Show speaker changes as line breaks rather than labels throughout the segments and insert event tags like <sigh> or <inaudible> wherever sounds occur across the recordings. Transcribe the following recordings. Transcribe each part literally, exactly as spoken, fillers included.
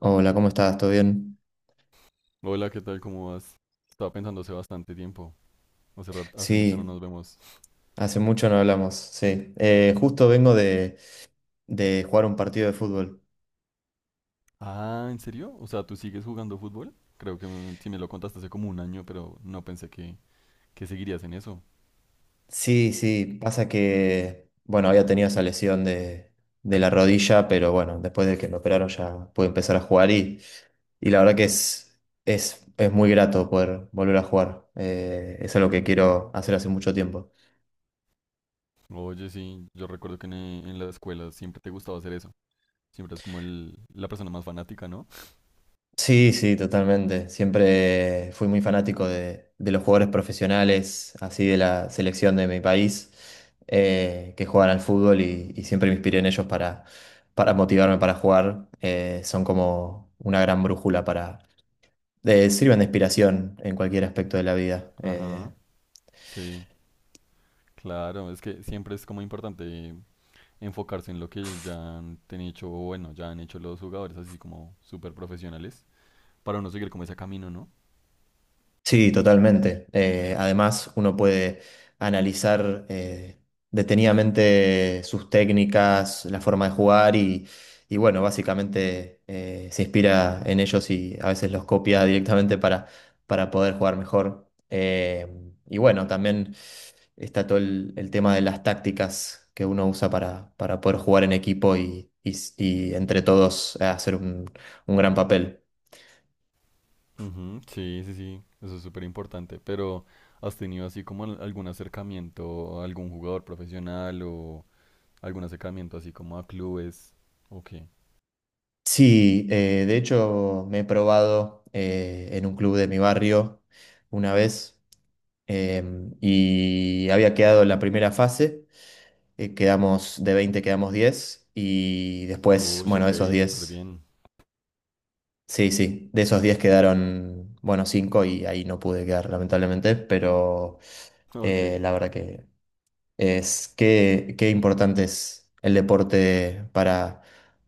Hola, ¿cómo estás? ¿Todo bien?
Hola, ¿qué tal? ¿Cómo vas? Estaba pensando hace bastante tiempo. Hace, rar- hace mucho no
Sí,
nos vemos.
hace mucho no hablamos, sí. Eh, justo vengo de, de jugar un partido de fútbol.
Ah, ¿en serio? O sea, ¿tú sigues jugando fútbol? Creo que me- sí me lo contaste hace como un año, pero no pensé que, que seguirías en eso.
Sí, sí, pasa que, bueno, había tenido esa lesión de, de la rodilla, pero bueno, después de que me operaron ya pude empezar a jugar y, y la verdad que es, es, es muy grato poder volver a jugar. Eh, es algo que quiero hacer hace mucho tiempo.
Oye, sí, yo recuerdo que en, eh, en la escuela siempre te gustaba hacer eso. Siempre es como el, la persona más fanática, ¿no?
Sí, sí, totalmente. Siempre fui muy fanático de, de los jugadores profesionales, así de la selección de mi país, eh, que juegan al fútbol y, y siempre me inspiré en ellos para, para motivarme para jugar. Eh, son como una gran brújula para... de- sirven de inspiración en cualquier aspecto de la vida. Eh,
Ajá, sí, claro. Es que siempre es como importante enfocarse en lo que ya han ten- hecho, o bueno, ya han hecho los jugadores así como súper profesionales, para uno seguir como ese camino, ¿no?
Sí, totalmente. Eh, además, uno puede analizar eh, detenidamente sus técnicas, la forma de jugar y, y bueno, básicamente eh, se inspira en ellos y a veces los copia directamente para, para poder jugar mejor. Eh, y bueno, también está todo el, el tema de las tácticas que uno usa para, para poder jugar en equipo y, y- y entre todos eh, hacer un un gran papel.
Ujú, sí, sí, sí, eso es súper importante, pero ¿has tenido así como al- algún acercamiento a algún jugador profesional o algún acercamiento así como a clubes? Ok,
Sí, eh, de hecho me he probado eh, en un club de mi barrio una vez, em, y había quedado en la primera fase. Eh, quedamos de veinte, quedamos diez y después,
uy,
bueno,
ok,
esos
súper
diez,
bien,
sí, sí, de esos diez quedaron, bueno, cinco y ahí no pude quedar lamentablemente, pero
<laughs> ok,
eh, la verdad que es que qué importante es el deporte para,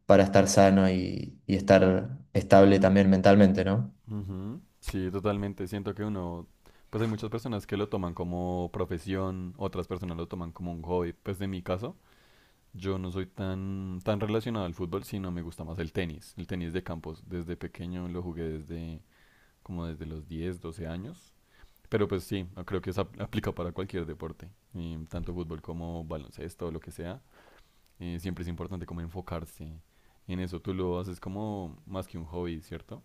para estar sano y, y estar estable también mentalmente, ¿no?
ujú, sí, totalmente, siento que uno, pues hay muchas personas que lo toman como profesión, otras personas lo toman como un hobby. Pues de mi caso, yo no soy tan, tan relacionado al fútbol, sino me gusta más el tenis, el tenis de campos. Desde pequeño lo jugué desde... como desde los diez doce años. Pero pues sí, creo que eso ap- <laughs> aplica para cualquier deporte, y tanto fútbol como baloncesto o lo que sea. Eh, siempre es importante como enfocarse en eso. Tú lo haces como más que un hobby, ¿cierto?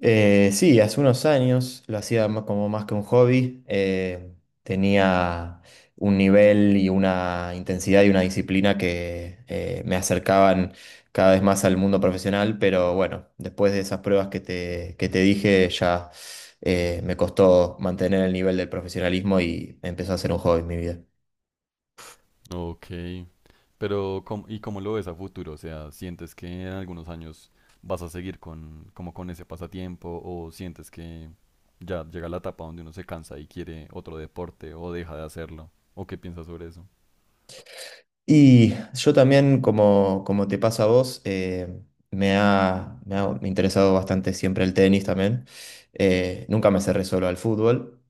Eh, sí, hace unos años lo hacía ma- como más que un hobby. Eh, tenía un nivel y una intensidad y una disciplina que eh, me acercaban cada vez más al mundo profesional, pero bueno, después de esas pruebas que te, que te dije, ya eh, me costó mantener el nivel del profesionalismo y empezó a ser un hobby en mi vida.
Ok, pero ¿cómo- ¿y cómo lo ves a futuro? O sea, ¿sientes que en algunos años vas a seguir con, como con ese pasatiempo, o sientes que ya llega la etapa donde uno se cansa y quiere otro deporte o deja de hacerlo? ¿O qué piensas sobre eso?
Y yo también, como, como te pasa a vos, eh, me ha, me ha interesado bastante siempre el tenis también. Eh, nunca me cerré solo al fútbol,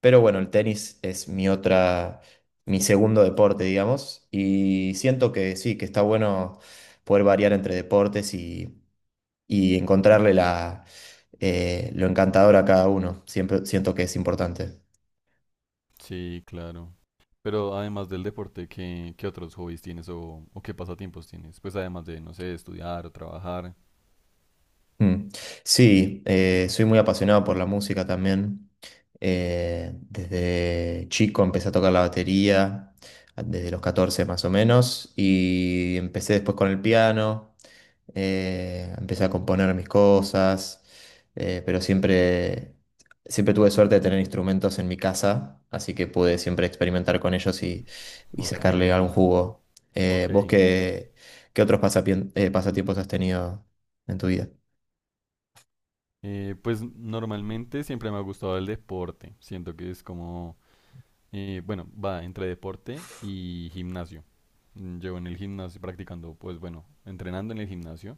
pero bueno, el tenis es mi otra, mi segundo deporte, digamos, y siento que sí, que está bueno poder variar entre deportes y, y encontrarle la, eh, lo encantador a cada uno. Siempre siento que es importante.
Sí, claro. Pero además del deporte, ¿qué, ¿qué otros hobbies tienes o, o qué pasatiempos tienes? Pues además de, no sé, estudiar o trabajar.
Mm. Sí, eh, soy muy apasionado por la música también. Eh, desde chico empecé a tocar la batería, desde los catorce más o menos, y empecé después con el piano. Eh, empecé a componer mis cosas, eh, pero siempre, siempre tuve suerte de tener instrumentos en mi casa, así que pude siempre experimentar con ellos y, y
Ok,
sacarle algún jugo. Eh, ¿vos
ok.
qué, qué otros pasapien- eh, pasatiempos has tenido en tu vida?
Eh, pues normalmente siempre me ha gustado el deporte. Siento que es como, eh, bueno, va entre deporte y gimnasio. Mm, llevo en el gimnasio practicando, pues bueno, entrenando en el gimnasio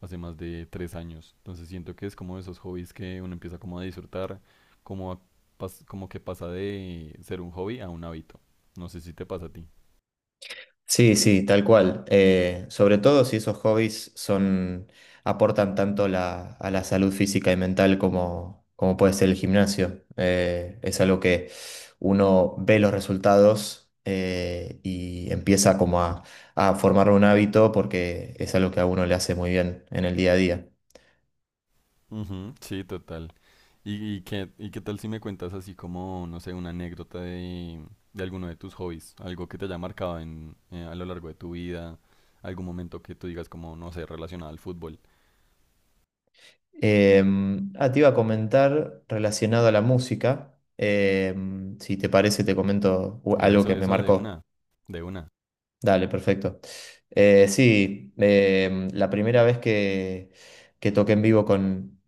hace más de tres años. Entonces siento que es como de esos hobbies que uno empieza como a disfrutar, como, a pas- como que pasa de ser un hobby a un hábito. No sé si te pasa a ti.
Sí, sí, tal cual. Eh, sobre todo si esos hobbies son, aportan tanto la- a la salud física y mental como, como puede ser el gimnasio. Eh, es algo que uno ve los resultados eh, y empieza como a, a formar un hábito porque es algo que a uno le hace muy bien en el día a día.
Ujú, sí, total. ¿Y, y qué, y qué tal si me cuentas así como, no sé, una anécdota de, de alguno de tus hobbies? Algo que te haya marcado en, eh, a lo largo de tu vida, algún momento que tú digas como, no sé, relacionado al fútbol.
Em, ah, te iba a comentar relacionado a la música. Em, si te parece, te comento u- algo
Eso,
que me
eso de
marcó.
una, de una.
Dale, perfecto. Eh, sí, em, la primera vez que, que toqué en vivo con,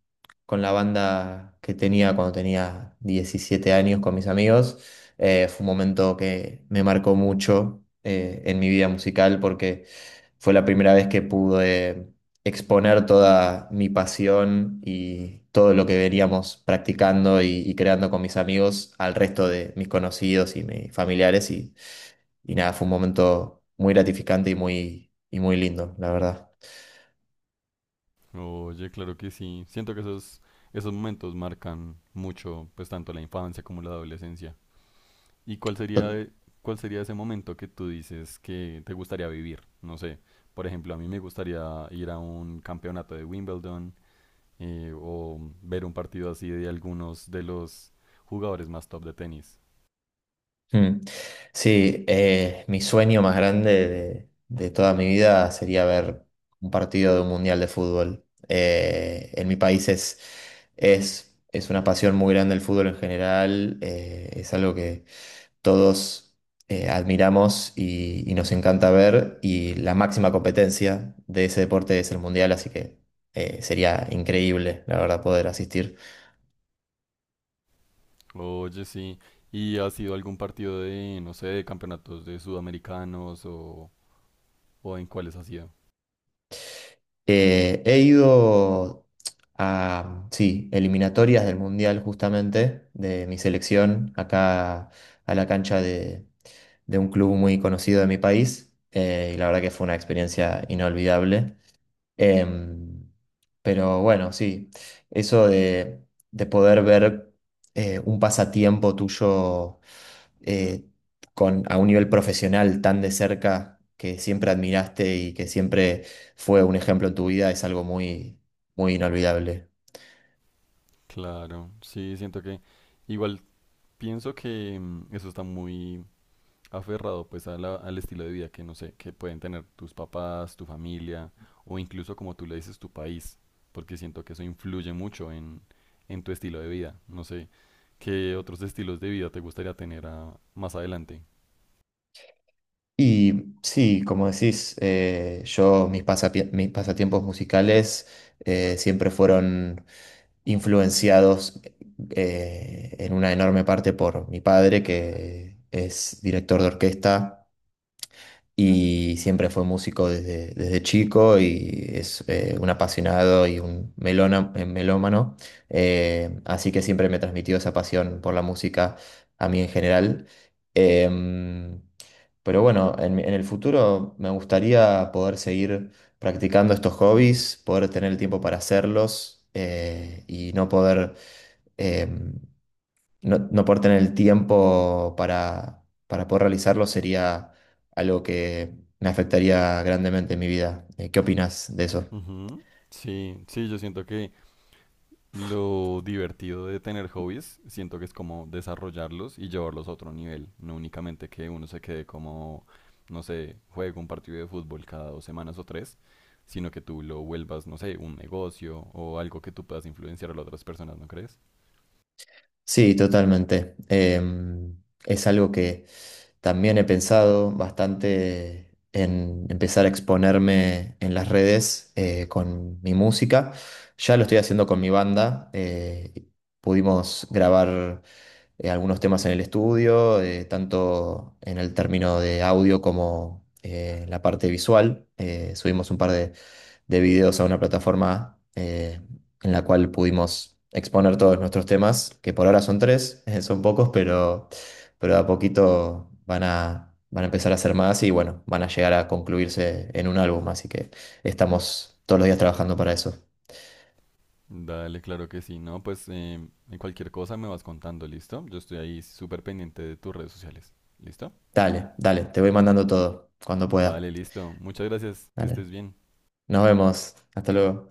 con la banda que tenía cuando tenía diecisiete años con mis amigos, eh, fue un momento que me marcó mucho eh, en mi vida musical, porque fue la primera vez que pude exponer toda mi pasión y todo lo que veníamos practicando y, y creando con mis amigos al resto de mis conocidos y mis familiares, y y nada, fue un momento muy gratificante y muy, y muy lindo, la verdad.
Oye, claro que sí. Siento que esos, esos momentos marcan mucho, pues tanto la infancia como la adolescencia. ¿Y cuál sería,
Tot-
de- cuál sería ese momento que tú dices que te gustaría vivir? No sé, por ejemplo, a mí me gustaría ir a un campeonato de Wimbledon eh, o ver un partido así de algunos de los jugadores más top de tenis.
Mm. Sí, eh, mi sueño más grande de, de toda mi vida sería ver un partido de un mundial de fútbol. Eh, en mi país es, es, es una pasión muy grande el fútbol en general. Eh, es algo que todos eh, admiramos y, y nos encanta ver, y la máxima competencia de ese deporte es el mundial, así que eh, sería increíble, la verdad, poder asistir.
Oye, sí. ¿Y has sido algún partido de, no sé, de campeonatos de sudamericanos o, o en cuáles has sido?
Eh, he ido a, sí, eliminatorias del Mundial justamente, de mi selección, acá a la cancha de, de un club muy conocido de mi país, eh, y la verdad que fue una experiencia inolvidable. Em, pero bueno, sí, eso de, de poder ver eh, un pasatiempo tuyo eh, con, a un nivel profesional tan de cerca que siempre admiraste y que siempre fue un ejemplo en tu vida, es algo muy, muy inolvidable.
Claro, sí, siento que... Igual pienso que mm, eso está muy aferrado pues a la- al estilo de vida que no sé, que pueden tener tus papás, tu familia, o incluso como tú le dices tu país, porque siento que eso influye mucho en, en tu estilo de vida. No sé, ¿qué otros estilos de vida te gustaría tener a- más adelante?
Y sí, como decís, eh, yo, mis, pasapie- mis pasatiempos musicales eh, siempre fueron influenciados, eh, en una enorme parte, por mi padre, que es director de orquesta y siempre fue músico desde, desde chico y es eh, un apasionado y un melona- eh, melómano, eh, así que siempre me transmitió esa pasión por la música a mí en general. Em, pero bueno, en, mi- en el futuro me gustaría poder seguir practicando estos hobbies, poder tener el tiempo para hacerlos. Eh, y no poder... em, no, no por tener el tiempo para, para poder realizarlo sería algo que me afectaría grandemente en mi vida. Eh, ¿Qué opinas de eso?
Ujú. Sí, sí, yo siento que lo divertido de tener hobbies, siento que es como desarrollarlos y llevarlos a otro nivel, no únicamente que uno se quede como, no sé, juega un partido de fútbol cada dos semanas o tres, sino que tú lo vuelvas, no sé, un negocio o algo que tú puedas influenciar a las otras personas, ¿no crees?
Sí, totalmente. Em, es algo que también he pensado bastante, en empezar a exponerme en las redes eh, con mi música. Ya lo estoy haciendo con mi banda. Eh, pudimos grabar eh, algunos temas en el estudio, eh, tanto en el término de audio como eh, la parte visual. Eh, subimos un par de, de videos a una plataforma, eh, en la cual pudimos exponer todos nuestros temas, que por ahora son tres, <laughs> eh, son pocos, pero, pero de a poquito van a, van a empezar a ser más y bueno, van a llegar a concluirse en un álbum, así que estamos todos los días trabajando para eso.
Dale, claro que sí. No, pues em, en cualquier cosa me vas contando, ¿listo? Yo estoy ahí súper pendiente de tus redes sociales, ¿listo?
Dale, dale, te voy mandando todo cuando pueda.
Vale, listo. Muchas gracias, que
Dale.
estés bien.
Nos vemos. Hasta luego.